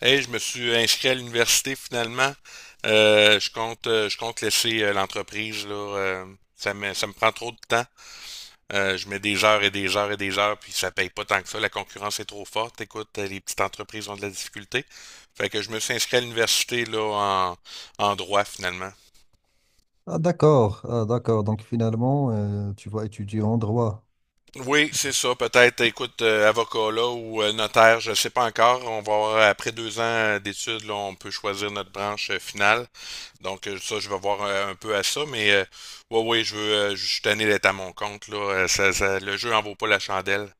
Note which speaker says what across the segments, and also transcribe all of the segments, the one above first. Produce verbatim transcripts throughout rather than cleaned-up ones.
Speaker 1: Hey, je me suis inscrit à l'université finalement. Euh, je compte, euh, je compte laisser euh, l'entreprise là. Euh, ça me, ça me prend trop de temps. Euh, je mets des heures et des heures et des heures, puis ça paye pas tant que ça. La concurrence est trop forte. Écoute, euh, les petites entreprises ont de la difficulté. Fait que je me suis inscrit à l'université là en, en droit finalement.
Speaker 2: Ah, d'accord, ah, d'accord. Donc finalement, euh, tu vas étudier en droit.
Speaker 1: Oui, c'est ça. Peut-être, écoute, euh, avocat là ou euh, notaire, je ne sais pas encore. On va avoir, après deux ans euh, d'études, là, on peut choisir notre branche euh, finale. Donc, euh, ça, je vais voir euh, un peu à ça. Mais euh, ouais, oui, je veux, euh, je suis tanné d'être à mon compte, là. Euh, Ça, ça- le jeu en vaut pas la chandelle.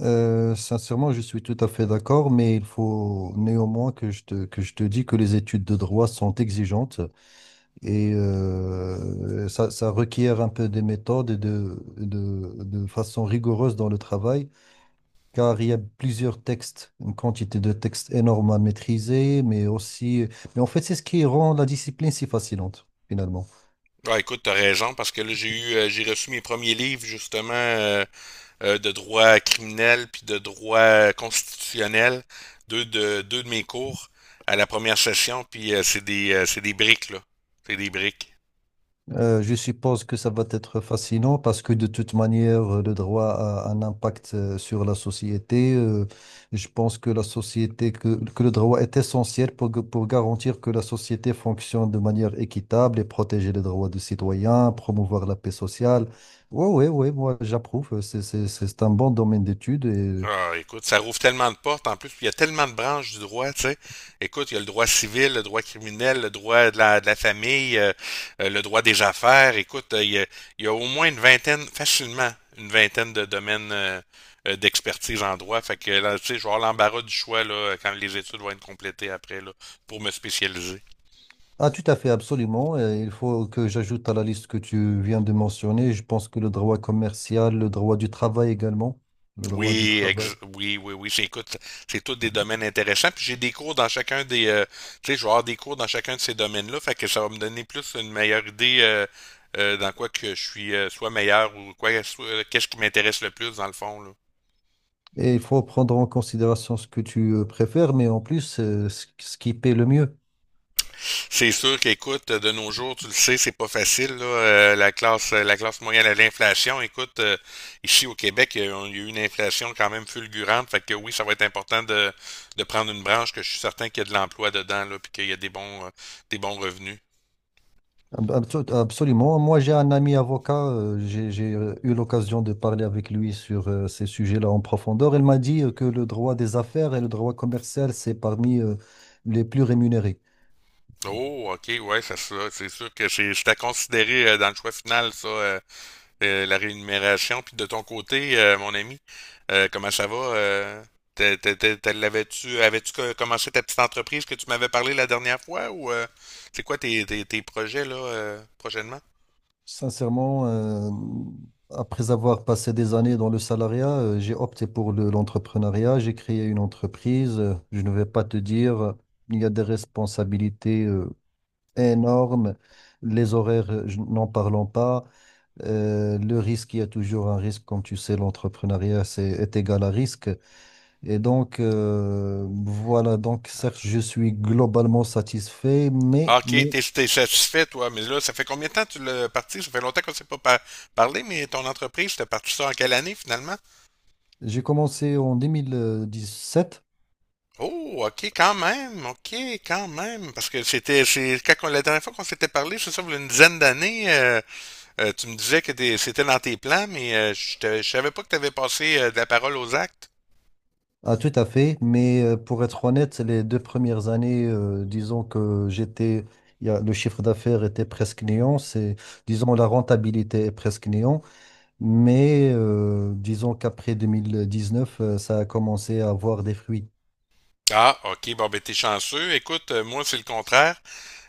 Speaker 2: Euh, sincèrement, je suis tout à fait d'accord, mais il faut néanmoins que je te, que je te dis que les études de droit sont exigeantes. Et euh, ça, ça requiert un peu des méthodes et de, de, de façon rigoureuse dans le travail, car il y a plusieurs textes, une quantité de textes énorme à maîtriser, mais aussi... Mais en fait, c'est ce qui rend la discipline si fascinante, finalement.
Speaker 1: Ouais, écoute, t'as raison, parce que là, j'ai eu, euh, j'ai reçu mes premiers livres, justement, euh, euh, de droit criminel puis de droit constitutionnel, deux de, deux de mes cours à la première session, puis euh, c'est des, euh, c'est des briques, là. C'est des briques.
Speaker 2: Euh, je suppose que ça va être fascinant parce que de toute manière, euh, le droit a un impact euh, sur la société. Euh, je pense que la société, que, que le droit est essentiel pour, gu- pour garantir que la société fonctionne de manière équitable et protéger les droits des citoyens, promouvoir la paix sociale. Oui, oui, oui, moi j'approuve. C'est, c'est, c'est un bon domaine d'études, et
Speaker 1: Ah, écoute, ça rouvre tellement de portes. En plus, il y a tellement de branches du droit, tu sais. Écoute, il y a le droit civil, le droit criminel, le droit de la, de la famille, euh, euh, le droit des affaires. Écoute, euh, il y a, il y a au moins une vingtaine, facilement, une vingtaine de domaines euh, euh, d'expertise en droit. Fait que là, tu sais, je vais avoir l'embarras du choix là, quand les études vont être complétées après là, pour me spécialiser.
Speaker 2: ah, tout à fait, absolument. Et il faut que j'ajoute à la liste que tu viens de mentionner, je pense que le droit commercial, le droit du travail également, le droit du
Speaker 1: Oui,
Speaker 2: travail.
Speaker 1: ex- oui, oui, oui. C'est, écoute, c'est tous des domaines intéressants. Puis j'ai des cours dans chacun des, euh, tu sais, je vais avoir des cours dans chacun de ces domaines-là. Fait que ça va me donner plus une meilleure idée euh, euh, dans quoi que je suis euh, soit meilleur ou quoi, soit- qu'est-ce qui m'intéresse le plus dans le fond, là.
Speaker 2: Et il faut prendre en considération ce que tu euh, préfères, mais en plus, euh, ce ce qui paie le mieux.
Speaker 1: C'est sûr qu'écoute, de nos jours, tu le sais, c'est pas facile, là, euh, la classe, euh, la classe moyenne à l'inflation. Écoute, euh, ici au Québec, il y a il y a eu une inflation quand même fulgurante. Fait que oui, ça va être important de, de prendre une branche que je suis certain qu'il y a de l'emploi dedans, là, puis qu'il y a des bons, euh, des bons revenus.
Speaker 2: Ab- abso- Absolument. Moi, j'ai un ami avocat, euh, j'ai j'ai, euh, eu l'occasion de parler avec lui sur euh, ces sujets-là en profondeur. Il m'a dit euh, que le droit des affaires et le droit commercial, c'est parmi euh, les plus rémunérés.
Speaker 1: Oh, ok, ouais, ça, ça, c'est sûr que c'est c'est à considérer euh, dans le choix final, ça, euh, euh, la rémunération. Puis de ton côté, euh, mon ami, euh, comment ça va? Euh, t'es- t'es- t'es- t'es- l'avais-tu, avais-tu co- commencé ta petite entreprise que tu m'avais parlé la dernière fois ou euh, c'est quoi tes, tes, tes projets là euh, prochainement?
Speaker 2: Sincèrement, euh, après avoir passé des années dans le salariat, euh, j'ai opté pour le- l'entrepreneuriat. J'ai créé une entreprise. Euh, Je ne vais pas te dire, euh, il y a des responsabilités euh, énormes. Les horaires, euh, je- n'en parlons pas. Euh, le risque, il y a toujours un risque. Comme tu sais, l'entrepreneuriat, c'est, est égal à risque. Et donc, euh, voilà. Donc, certes, je suis globalement satisfait,
Speaker 1: Ah,
Speaker 2: mais,
Speaker 1: ok,
Speaker 2: mais
Speaker 1: t'es, t'es satisfait toi, mais là, ça fait combien de temps que tu l'as parti? Ça fait longtemps qu'on ne s'est pas par- parlé, mais ton entreprise, t'as parti ça en quelle année finalement?
Speaker 2: j'ai commencé en deux mille dix-sept.
Speaker 1: Oh, ok, quand même, ok, quand même, parce que c'était, c'est quand on- la dernière fois qu'on s'était parlé, c'est ça, il y a une dizaine d'années, euh, Euh, tu me disais que t'es- c'était dans tes plans, mais euh, je ne savais pas que tu avais passé euh, de la parole aux actes.
Speaker 2: Ah, tout à fait, mais euh, pour être honnête, les deux premières années, euh, disons que j'étais, il y a- le chiffre d'affaires était presque néant, c'est, disons, la rentabilité est presque néant, mais euh, disons qu'après deux mille dix-neuf, euh, ça a commencé à avoir des fruits.
Speaker 1: Ah, OK. Bon, ben, t'es chanceux. Écoute, euh, moi, c'est le contraire.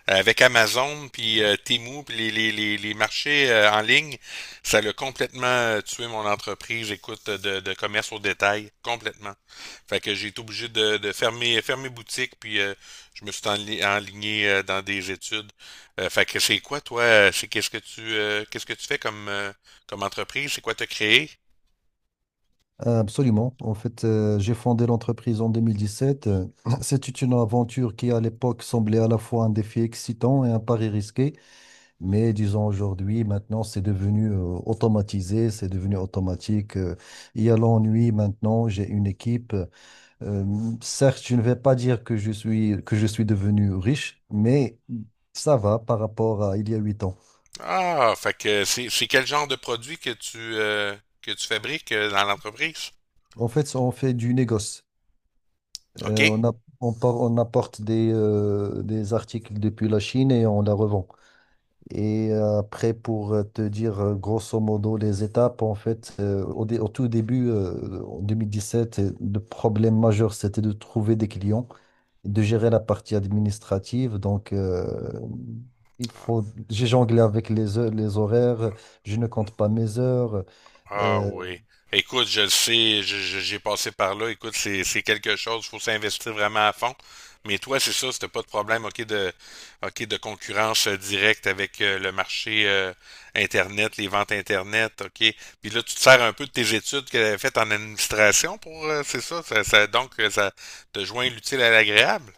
Speaker 1: Euh, Avec Amazon, puis euh, Temu, puis les, les, les, les marchés euh, en ligne, ça l'a complètement euh, tué mon entreprise, écoute, de, de commerce au détail, complètement. Fait que j'ai été obligé de, de fermer, fermer boutique, puis euh, je me suis enli- enligné euh, dans des études. Euh, fait que c'est quoi, toi? euh, C'est qu'est-ce que tu euh, qu'est-ce que tu fais comme, euh, comme entreprise? C'est quoi t'as créé?
Speaker 2: Euh, Absolument. En fait, euh, j'ai fondé l'entreprise en deux mille dix-sept. Euh, C'était une aventure qui, à l'époque, semblait à la fois un défi excitant et un pari risqué. Mais disons aujourd'hui, maintenant, c'est devenu euh, automatisé, c'est devenu automatique. Euh, il y a l'ennui maintenant, j'ai une équipe. euh, Certes, je ne vais pas dire que je suis, que je suis devenu riche, mais ça va par rapport à il y a huit ans.
Speaker 1: Ah, fait que c'est c'est quel genre de produit que tu euh, que tu fabriques euh, dans l'entreprise?
Speaker 2: En fait, on fait du négoce. Euh,
Speaker 1: OK.
Speaker 2: on a- on, par- on apporte des, euh, des articles depuis la Chine et on la revend. Et euh, après, pour euh, te dire euh, grosso modo les étapes, en fait, euh, au, dé- au tout début, euh, en vingt dix-sept, euh, le problème majeur, c'était de trouver des clients, de gérer la partie administrative. Donc, euh, il
Speaker 1: Ah,
Speaker 2: faut, j'ai jonglé avec les, heures- les horaires, je ne compte pas mes heures.
Speaker 1: ah
Speaker 2: Euh,
Speaker 1: oui. Écoute, je le sais, je- je- j'ai passé par là. Écoute, c'est c'est quelque chose, faut s'investir vraiment à fond. Mais toi, c'est ça, c'était pas de problème, OK, de OK, de concurrence euh, directe avec euh, le marché euh, Internet, les ventes Internet, OK. Puis là, tu te sers un peu de tes études que tu faites en administration pour euh, c'est ça, ça, ça- donc euh, ça te joint l'utile à l'agréable.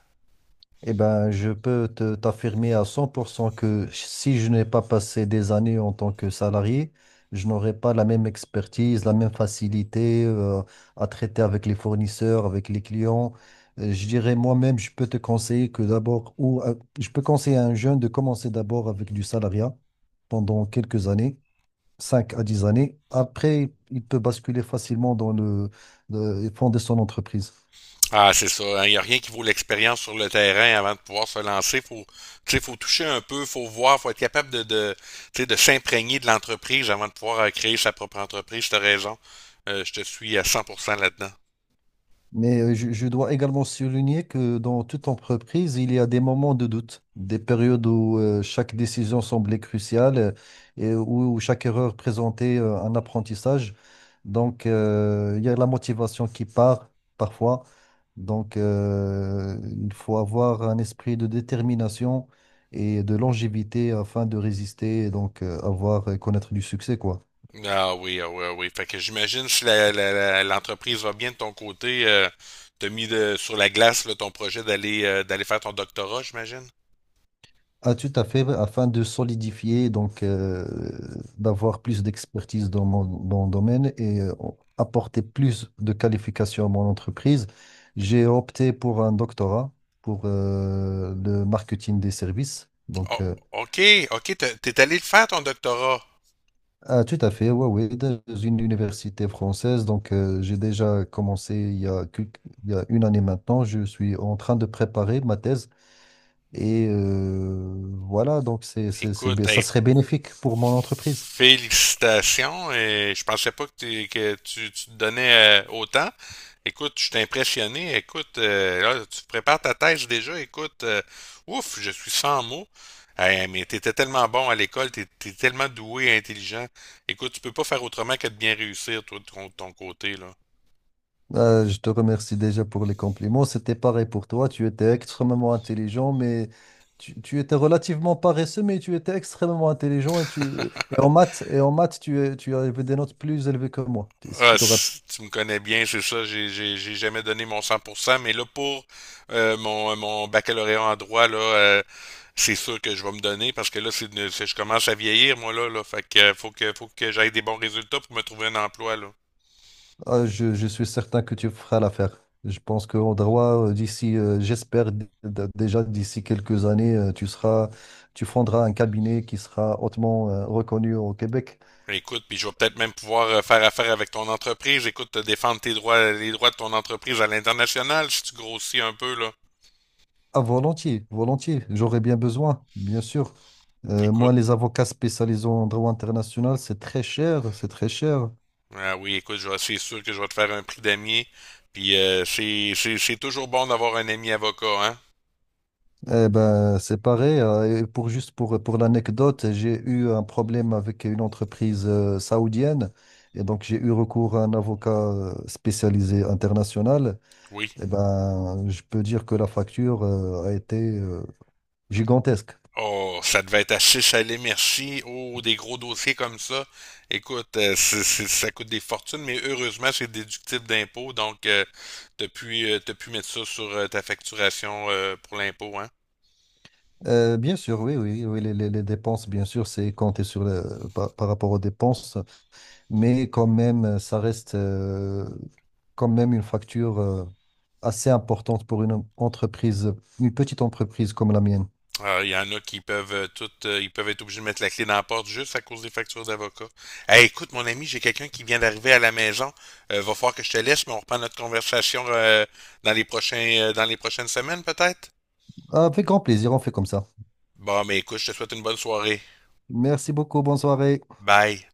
Speaker 2: Eh ben, je peux te- t'affirmer à cent pour cent que si je n'ai pas passé des années en tant que salarié, je n'aurais pas la même expertise, la même facilité euh, à traiter avec les fournisseurs, avec les clients. Euh, Je dirais moi-même, je peux te conseiller que d'abord, ou euh, je peux conseiller à un jeune de commencer d'abord avec du salariat pendant quelques années, cinq à dix années. Après, il peut basculer facilement dans le, le fonder son entreprise.
Speaker 1: Ah, c'est ça. Hein. Il n'y a rien qui vaut l'expérience sur le terrain avant de pouvoir se lancer. Faut, tu sais, faut toucher un peu, faut voir, faut être capable de, de, tu sais, de s'imprégner de l'entreprise avant de pouvoir euh, créer sa propre entreprise. T'as raison. Euh, je te suis à cent pour cent là-dedans.
Speaker 2: Mais euh, je, je dois également souligner que dans toute entreprise, il y a des moments de doute, des périodes où euh, chaque décision semblait cruciale euh, et où, où chaque erreur présentait euh, un apprentissage. Donc, euh, il y a la motivation qui part parfois. Donc, euh, il faut avoir un esprit de détermination et de longévité afin de résister et donc euh, avoir connaître du succès, quoi.
Speaker 1: Ah oui, ah oui, ah oui. Fait que j'imagine si la, la- la- l'entreprise va bien de ton côté, euh, t'as mis de, sur la glace là, ton projet d'aller euh, d'aller faire ton doctorat, j'imagine.
Speaker 2: Ah, tout à fait, afin de solidifier, donc euh, d'avoir plus d'expertise dans mon, dans le domaine et euh, apporter plus de qualifications à mon entreprise, j'ai opté pour un doctorat pour euh, le marketing des services. Donc,
Speaker 1: Oh,
Speaker 2: euh,
Speaker 1: ok, ok, t'es t'es allé le faire ton doctorat.
Speaker 2: ah, tout à fait, ouais, ouais, dans une université française. Donc, euh, j'ai déjà commencé il y a, quelques- il y a une année maintenant. Je suis en train de préparer ma thèse et euh, voilà, donc c'est, c'est, c'est,
Speaker 1: Écoute,
Speaker 2: bé- ça
Speaker 1: hey,
Speaker 2: serait bénéfique pour mon entreprise.
Speaker 1: félicitations et je pensais pas que, t'es- que tu, tu te donnais euh, autant. Écoute, je suis impressionné. Écoute, euh, là, tu prépares ta thèse déjà. Écoute, euh, ouf, je suis sans mots. Eh, mais t'étais tellement bon à l'école, t'es, t'es tellement doué et intelligent. Écoute, tu peux pas faire autrement que de bien réussir, toi, de ton, de ton côté, là.
Speaker 2: Euh, je te remercie déjà pour les compliments. C'était pareil pour toi. Tu étais extrêmement intelligent, mais tu, tu étais relativement paresseux, mais tu étais extrêmement intelligent. Et, tu, et en maths, et en maths tu, es- tu avais des notes plus élevées que moi. Si
Speaker 1: Ah,
Speaker 2: tu te rapp-
Speaker 1: c- tu me connais bien, c'est ça. J'ai, j'ai, j'ai jamais donné mon cent pour cent, mais là, pour euh, mon, mon baccalauréat en droit, là, euh, c'est sûr que je vais me donner parce que là, c'est, une- c'est- je commence à vieillir, moi, là, là. Fait que euh, faut que, faut que j'aille des bons résultats pour me trouver un emploi, là.
Speaker 2: ah, je, je suis certain que tu feras l'affaire. Je pense qu'en droit, euh, d'ici, euh, j'espère d- d- déjà d'ici quelques années, euh, tu seras, tu fonderas un cabinet qui sera hautement, euh, reconnu au Québec.
Speaker 1: Écoute, puis je vais peut-être même pouvoir euh, faire affaire avec ton entreprise. Écoute, te défendre tes droits, les droits de ton entreprise à l'international si tu grossis un peu, là.
Speaker 2: Ah, volontiers, volontiers. J'aurais bien besoin, bien sûr. Euh, moi,
Speaker 1: Écoute,
Speaker 2: les avocats spécialisés en droit international, c'est très cher, c'est très cher.
Speaker 1: ah oui, écoute, je vais- c'est sûr que je vais te faire un prix d'ami. Puis euh, c'est, c'est, c'est toujours bon d'avoir un ami avocat, hein?
Speaker 2: Eh ben, c'est pareil. Euh, et pour juste pour, pour l'anecdote, j'ai eu un problème avec une entreprise euh, saoudienne et donc j'ai eu recours à un avocat euh, spécialisé international.
Speaker 1: Oui.
Speaker 2: Eh ben, je peux dire que la facture euh, a été euh, gigantesque.
Speaker 1: Oh, ça devait être à six à merci. Oh, des gros dossiers comme ça. Écoute, euh, c'est- c'est- ça coûte des fortunes, mais heureusement, c'est déductible d'impôt. Donc, euh, t'as pu, euh, t'as pu mettre ça sur euh, ta facturation euh, pour l'impôt, hein?
Speaker 2: Euh, bien sûr, oui, oui, oui, les, les- les dépenses, bien sûr, c'est compté sur le- par par rapport aux dépenses. mais quand même, euh, ça reste euh, quand même une facture euh, assez importante pour une entreprise, une petite entreprise comme la mienne.
Speaker 1: Ah, il y en a qui peuvent euh, toutes, euh, ils peuvent être obligés de mettre la clé dans la porte juste à cause des factures d'avocat. Hey, écoute, mon ami, j'ai quelqu'un qui vient d'arriver à la maison. Euh, va falloir que je te laisse, mais on reprend notre conversation euh, dans les prochains, euh, dans les prochaines semaines, peut-être?
Speaker 2: Avec grand plaisir, on fait comme ça.
Speaker 1: Bon, mais écoute, je te souhaite une bonne soirée.
Speaker 2: Merci beaucoup, bonne soirée.
Speaker 1: Bye.